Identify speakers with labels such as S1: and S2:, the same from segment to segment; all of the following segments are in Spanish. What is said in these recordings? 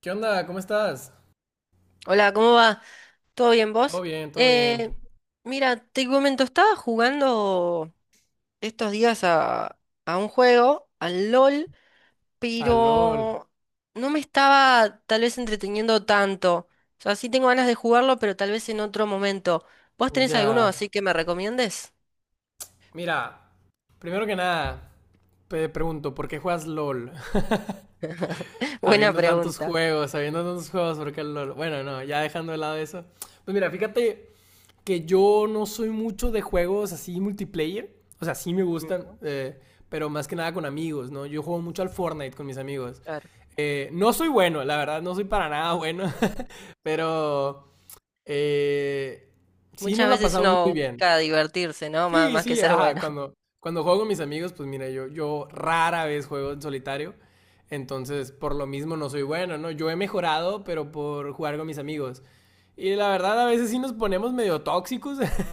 S1: ¿Qué onda? ¿Cómo estás?
S2: Hola, ¿cómo va? ¿Todo bien
S1: Todo
S2: vos?
S1: bien, todo bien.
S2: Eh, mira, te comento, estaba jugando estos días a un juego, al LOL,
S1: Ah, LOL.
S2: pero no me estaba tal vez entreteniendo tanto. O sea, sí tengo ganas de jugarlo, pero tal vez en otro momento. ¿Vos tenés alguno
S1: Ya.
S2: así que me recomiendes?
S1: Mira, primero que nada, te pregunto, ¿por qué juegas LOL?
S2: Buena pregunta.
S1: Habiendo tantos juegos, ¿por qué LOL? Bueno, no, ya dejando de lado eso. Pues mira, fíjate que yo no soy mucho de juegos así multiplayer. O sea, sí me gustan,
S2: Ujú,
S1: pero más que nada con amigos, ¿no? Yo juego mucho al Fortnite con mis amigos.
S2: claro.
S1: No soy bueno, la verdad, no soy para nada bueno, pero Eh, sí,
S2: Muchas
S1: nos la
S2: veces
S1: pasamos muy
S2: uno
S1: bien.
S2: busca divertirse, ¿no?
S1: Sí,
S2: Más que
S1: sí,
S2: ser
S1: ajá,
S2: bueno.
S1: cuando juego con mis amigos, pues mira, yo rara vez juego en solitario, entonces por lo mismo no soy bueno, ¿no? Yo he mejorado, pero por jugar con mis amigos. Y la verdad, a veces sí nos ponemos medio tóxicos,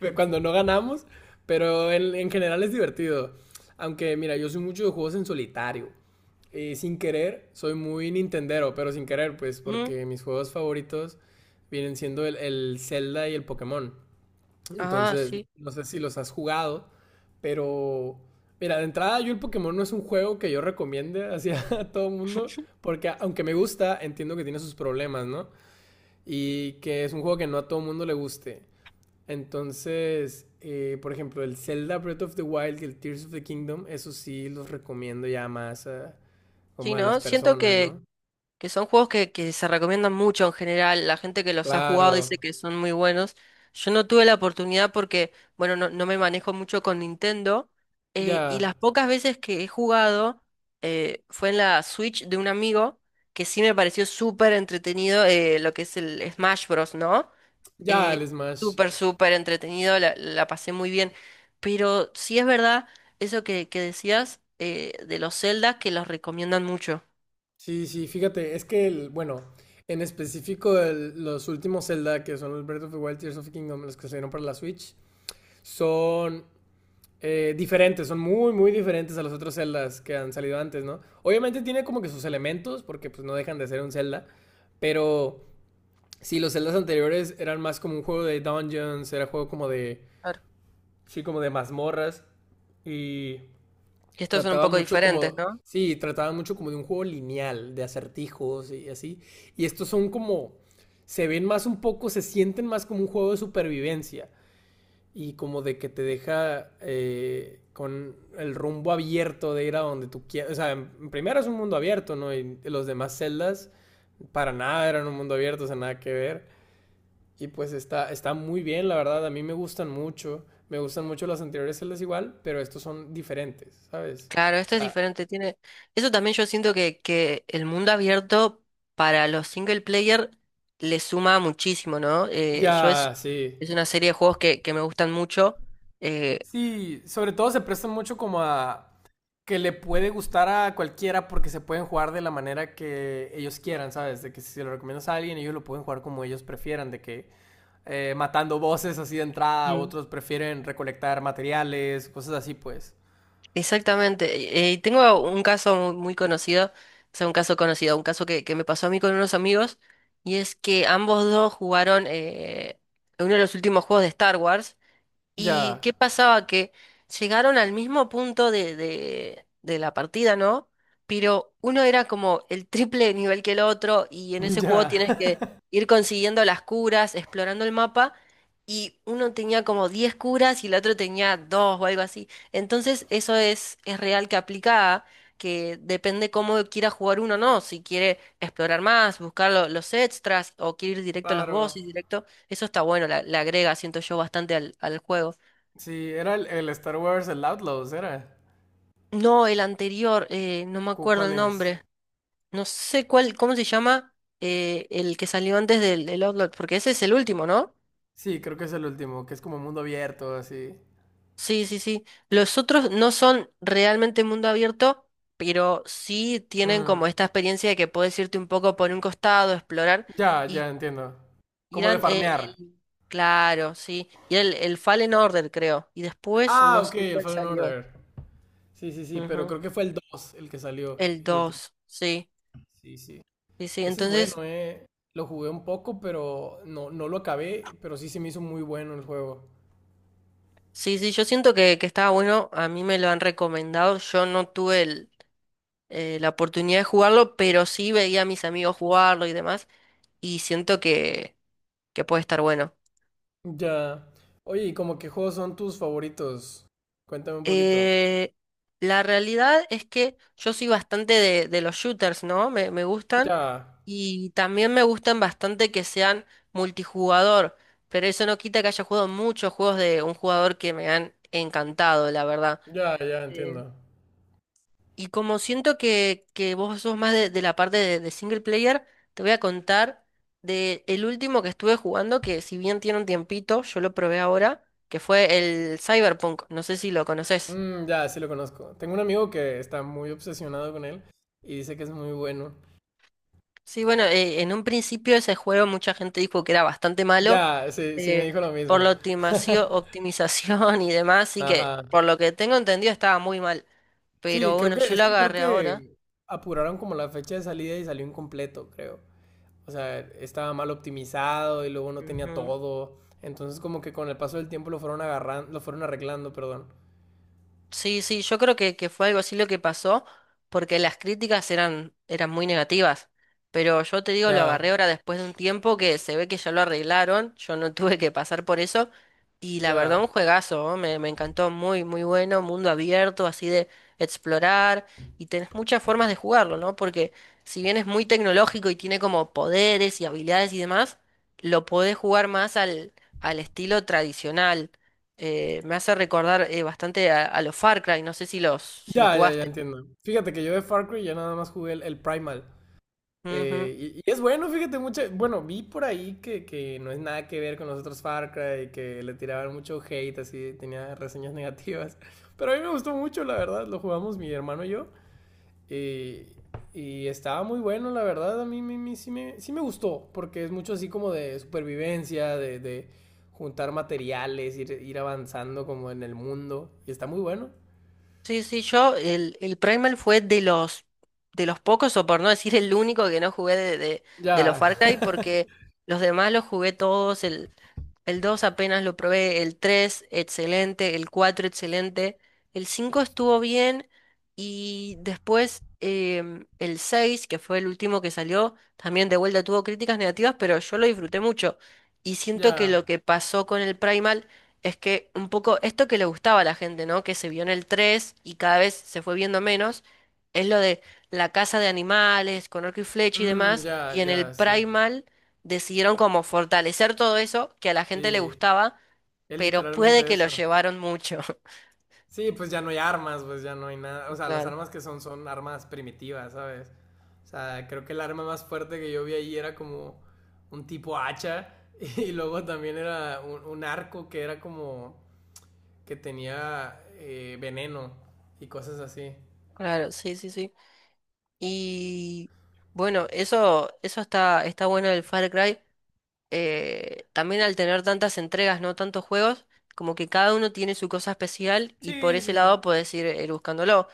S1: cuando no ganamos, pero en general es divertido. Aunque, mira, yo soy mucho de juegos en solitario. Y sin querer, soy muy Nintendero, pero sin querer, pues,
S2: Mm.
S1: porque mis juegos favoritos vienen siendo el Zelda y el Pokémon.
S2: Ah,
S1: Entonces,
S2: sí.
S1: no sé si los has jugado, pero mira, de entrada yo el Pokémon no es un juego que yo recomiende hacia a todo el mundo, porque aunque me gusta, entiendo que tiene sus problemas, ¿no? Y que es un juego que no a todo el mundo le guste. Entonces, por ejemplo, el Zelda Breath of the Wild y el Tears of the Kingdom, eso sí los recomiendo ya más a,
S2: Sí,
S1: como a las
S2: ¿no? Siento
S1: personas,
S2: que,
S1: ¿no?
S2: que son juegos que se recomiendan mucho en general. La gente que los ha jugado dice
S1: Claro,
S2: que son muy buenos. Yo no tuve la oportunidad porque, bueno, no, no me manejo mucho con Nintendo. Y
S1: ya,
S2: las pocas veces que he jugado, fue en la Switch de un amigo que sí me pareció súper entretenido, lo que es el Smash Bros, ¿no?
S1: ya
S2: Eh,
S1: el Smash.
S2: Súper, súper entretenido, la pasé muy bien. Pero sí es verdad eso que decías, de los Zelda que los recomiendan mucho.
S1: Sí, sí, fíjate, es que, el, bueno, en específico los últimos Zelda, que son el Breath of the Wild, Tears of the Kingdom, los que salieron para la Switch, son diferentes, son muy, muy diferentes a los otros Zeldas que han salido antes, ¿no? Obviamente tiene como que sus elementos, porque pues no dejan de ser un Zelda, pero sí, los Zeldas anteriores eran más como un juego de dungeons, era juego como de. Sí, como de mazmorras. Y
S2: Y estos son un
S1: trataba
S2: poco
S1: mucho
S2: diferentes,
S1: como.
S2: ¿no?
S1: Sí, trataba mucho como de un juego lineal, de acertijos y así. Y estos son como. Se ven más un poco, se sienten más como un juego de supervivencia. Y como de que te deja con el rumbo abierto de ir a donde tú quieras. O sea, en primero es un mundo abierto, ¿no? Y los demás celdas para nada eran un mundo abierto, o sea, nada que ver. Y pues está, está muy bien, la verdad, a mí me gustan mucho. Me gustan mucho las anteriores celdas igual, pero estos son diferentes, ¿sabes?
S2: Claro,
S1: O
S2: esto es
S1: sea,
S2: diferente, tiene eso también yo siento que el mundo abierto para los single player le suma muchísimo, ¿no? Yo
S1: ya,
S2: es,
S1: sí.
S2: es una serie de juegos que me gustan mucho. eh,
S1: Sí, sobre todo se prestan mucho como a que le puede gustar a cualquiera porque se pueden jugar de la manera que ellos quieran, ¿sabes? De que si se lo recomiendas a alguien, ellos lo pueden jugar como ellos prefieran, de que matando voces así de entrada,
S2: Mm.
S1: otros prefieren recolectar materiales, cosas así, pues.
S2: Exactamente. Tengo un caso muy, muy conocido, o sea, un caso conocido, un caso que me pasó a mí con unos amigos, y es que ambos dos jugaron, uno de los últimos juegos de Star Wars. ¿Y
S1: Ya,
S2: qué pasaba? Que llegaron al mismo punto de la partida, ¿no? Pero uno era como el triple de nivel que el otro, y en ese juego
S1: ya.
S2: tienes que ir consiguiendo las curas, explorando el mapa, y uno tenía como 10 curas y el otro tenía dos o algo así. Entonces eso es real que aplica, que depende cómo quiera jugar uno, ¿no? Si quiere explorar más, buscar los extras, o quiere ir directo a los
S1: Claro.
S2: bosses, directo. Eso está bueno, le agrega, siento yo, bastante al juego.
S1: Sí, era el Star Wars, el Outlaws, era.
S2: No, el anterior, no me acuerdo
S1: ¿Cuál
S2: el
S1: es?
S2: nombre. No sé cuál, ¿cómo se llama? El que salió antes del Outlaw, porque ese es el último, ¿no?
S1: Sí, creo que es el último, que es como mundo abierto, así.
S2: Sí, sí, sí. Los otros no son realmente mundo abierto, pero sí tienen
S1: Mm,
S2: como esta experiencia de que puedes irte un poco por un costado, explorar,
S1: ya,
S2: y
S1: ya entiendo. Como de
S2: irán,
S1: farmear.
S2: claro, sí. Y el Fallen Order, creo. Y después
S1: Ah,
S2: no
S1: ok,
S2: sé
S1: el
S2: cuál
S1: Fallen
S2: salió.
S1: Order. Sí, sí, sí, pero
S2: Ujú.
S1: creo que fue el 2 el que salió,
S2: El
S1: el último.
S2: 2 sí.
S1: Sí, sí.
S2: Sí, sí,
S1: Ese es
S2: entonces,
S1: bueno, eh. Lo jugué un poco, pero no, no lo acabé, pero sí se me hizo muy bueno el juego.
S2: sí, sí, yo siento que estaba bueno, a mí me lo han recomendado, yo no tuve la oportunidad de jugarlo, pero sí veía a mis amigos jugarlo y demás, y siento que puede estar bueno.
S1: Ya. Oye, ¿y como qué juegos son tus favoritos? Cuéntame un poquito.
S2: Eh, la realidad es que yo soy bastante de los shooters, ¿no? Me gustan,
S1: Ya,
S2: y también me gustan bastante que sean multijugador, pero eso no quita que haya jugado muchos juegos de un jugador que me han encantado, la verdad.
S1: ya, ya entiendo.
S2: Y como siento que vos sos más de la parte de single player, te voy a contar de el último que estuve jugando, que si bien tiene un tiempito, yo lo probé ahora, que fue el Cyberpunk. No sé si lo conoces.
S1: Mm, ya, sí lo conozco. Tengo un amigo que está muy obsesionado con él y dice que es muy bueno.
S2: Sí, bueno, en un principio ese juego mucha gente dijo que era bastante malo,
S1: Ya, sí, sí me
S2: eh,
S1: dijo lo
S2: por
S1: mismo.
S2: la optimización y demás, y que
S1: Ajá.
S2: por lo que tengo entendido estaba muy mal.
S1: Sí,
S2: Pero
S1: creo
S2: bueno,
S1: que,
S2: yo
S1: es
S2: lo
S1: que creo
S2: agarré ahora.
S1: que apuraron como la fecha de salida y salió incompleto, creo. O sea, estaba mal optimizado y luego no tenía
S2: Ujú.
S1: todo. Entonces como que con el paso del tiempo lo fueron agarrando, lo fueron arreglando, perdón.
S2: Sí, sí, yo creo que fue algo así lo que pasó, porque las críticas eran muy negativas. Pero yo te digo, lo
S1: Ya,
S2: agarré ahora después de un tiempo que se ve que ya lo arreglaron, yo no tuve que pasar por eso. Y la verdad,
S1: ya.
S2: un juegazo, ¿no? Me encantó, muy, muy bueno, mundo abierto, así de explorar. Y tenés muchas formas de jugarlo, ¿no? Porque si bien es muy tecnológico y tiene como poderes y habilidades y demás, lo podés jugar más al estilo tradicional, me hace recordar, bastante a los Far Cry, no sé si los
S1: Ya, ya, ya
S2: jugaste.
S1: entiendo. Fíjate que yo de Far Cry ya nada más jugué el Primal.
S2: Ujú.
S1: Eh, y es bueno, fíjate, mucho. Bueno, vi por ahí que no es nada que ver con los otros Far Cry, que le tiraban mucho hate, así, tenía reseñas negativas. Pero a mí me gustó mucho, la verdad. Lo jugamos mi hermano y yo. eh, y estaba muy bueno, la verdad. A mí, mí sí me gustó, porque es mucho así como de supervivencia, de juntar materiales, ir, ir avanzando como en el mundo. Y está muy bueno.
S2: Sí, sí, yo el Primal fue de los pocos, o por no decir el único que no jugué de los
S1: Ya,
S2: Far Cry, porque los demás los jugué todos. El 2 apenas lo probé, el 3 excelente, el 4 excelente, el 5 estuvo bien, y después el seis, que fue el último que salió, también de vuelta tuvo críticas negativas, pero yo lo disfruté mucho. Y siento que
S1: ya.
S2: lo que pasó con el Primal es que un poco esto que le gustaba a la gente, ¿no? Que se vio en el 3 y cada vez se fue viendo menos, es lo de la caza de animales, con arco y flecha y
S1: Mm,
S2: demás, y
S1: ya,
S2: en el
S1: ya, sí.
S2: Primal decidieron como fortalecer todo eso que a la gente le
S1: Sí.
S2: gustaba,
S1: Es
S2: pero puede
S1: literalmente
S2: que lo
S1: eso.
S2: llevaron mucho.
S1: Sí, pues ya no hay armas, pues ya no hay nada. O sea, las
S2: Claro,
S1: armas que son son armas primitivas, ¿sabes? O sea, creo que el arma más fuerte que yo vi ahí era como un tipo hacha y luego también era un arco que era como que tenía veneno y cosas así.
S2: claro, sí, sí, sí. Y bueno, eso está bueno del Far Cry. También al tener tantas entregas, no tantos juegos, como que cada uno tiene su cosa especial y por
S1: Sí,
S2: ese
S1: sí.
S2: lado puedes ir, buscándolo.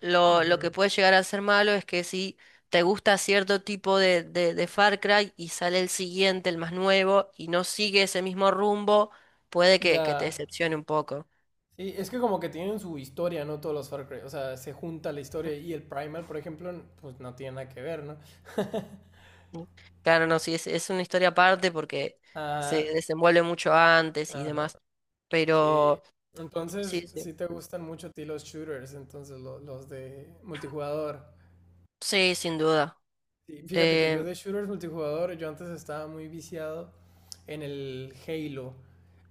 S2: Lo
S1: Ujú.
S2: que puede llegar a ser malo es que si te gusta cierto tipo de Far Cry y sale el siguiente, el más nuevo, y no sigue ese mismo rumbo, puede que te
S1: Ya.
S2: decepcione un poco.
S1: Sí, es que como que tienen su historia, ¿no? Todos los Far Cry. O sea, se junta la historia y el Primal, por ejemplo, pues no tiene nada que ver, ¿no?
S2: Mm. Claro, no, sí, es una historia aparte porque se
S1: Ah,
S2: desenvuelve mucho antes y
S1: ajá.
S2: demás.
S1: Sí.
S2: Pero
S1: Entonces,
S2: sí, sí.
S1: sí te gustan mucho a ti los shooters, entonces los de multijugador.
S2: Sí, sin duda.
S1: Sí, fíjate que yo
S2: Eh,
S1: de shooters multijugador, yo antes estaba muy viciado en el Halo.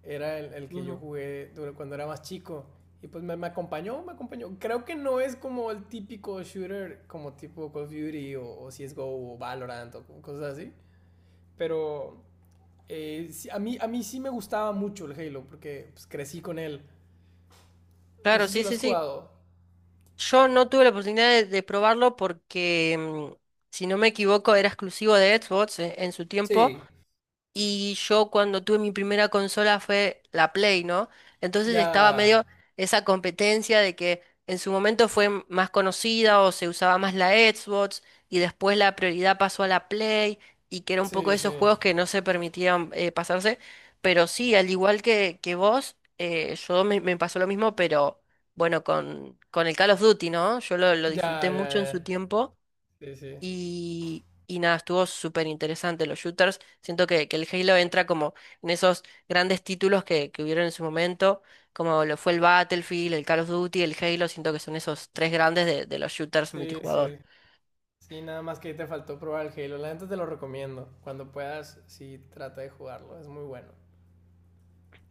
S1: Era el que yo
S2: ujú.
S1: jugué cuando era más chico. Y pues me acompañó, me acompañó. Creo que no es como el típico shooter como tipo Call of Duty o CSGO o Valorant o cosas así. Pero sí, a mí sí me gustaba mucho el Halo porque pues, crecí con él. No
S2: Claro,
S1: sé si
S2: sí,
S1: lo has
S2: sí, sí.
S1: jugado.
S2: Yo no tuve la oportunidad de probarlo porque, si no me equivoco, era exclusivo de Xbox, en su tiempo.
S1: Sí,
S2: Y yo cuando tuve mi primera consola fue la Play, ¿no? Entonces estaba
S1: ya.
S2: medio esa competencia de que en su momento fue más conocida o se usaba más la Xbox, y después la prioridad pasó a la Play, y que era un poco
S1: Sí,
S2: de esos
S1: sí.
S2: juegos que no se permitían, pasarse. Pero sí, al igual que vos, yo me pasó lo mismo, pero bueno, con el Call of Duty, ¿no? Yo lo
S1: Ya,
S2: disfruté
S1: ya,
S2: mucho en su
S1: ya.
S2: tiempo,
S1: Sí, sí.
S2: y nada, estuvo súper interesante los shooters. Siento que el Halo entra como en esos grandes títulos que hubieron en su momento, como lo fue el Battlefield, el Call of Duty, el Halo. Siento que son esos tres grandes de los shooters
S1: Sí,
S2: multijugador.
S1: sí. Sí, nada más que ahí te faltó probar el Halo. La gente te lo recomiendo. Cuando puedas, sí, trata de jugarlo. Es muy bueno.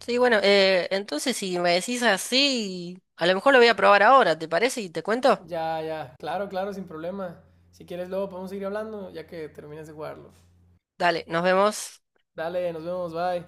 S2: Sí, bueno, entonces si me decís así, a lo mejor lo voy a probar ahora, ¿te parece? Y te cuento.
S1: Ya, ya. Claro, claro, sin problema. Si quieres, luego podemos seguir hablando ya que termines de jugarlo.
S2: Dale, nos vemos.
S1: Dale, nos vemos, bye.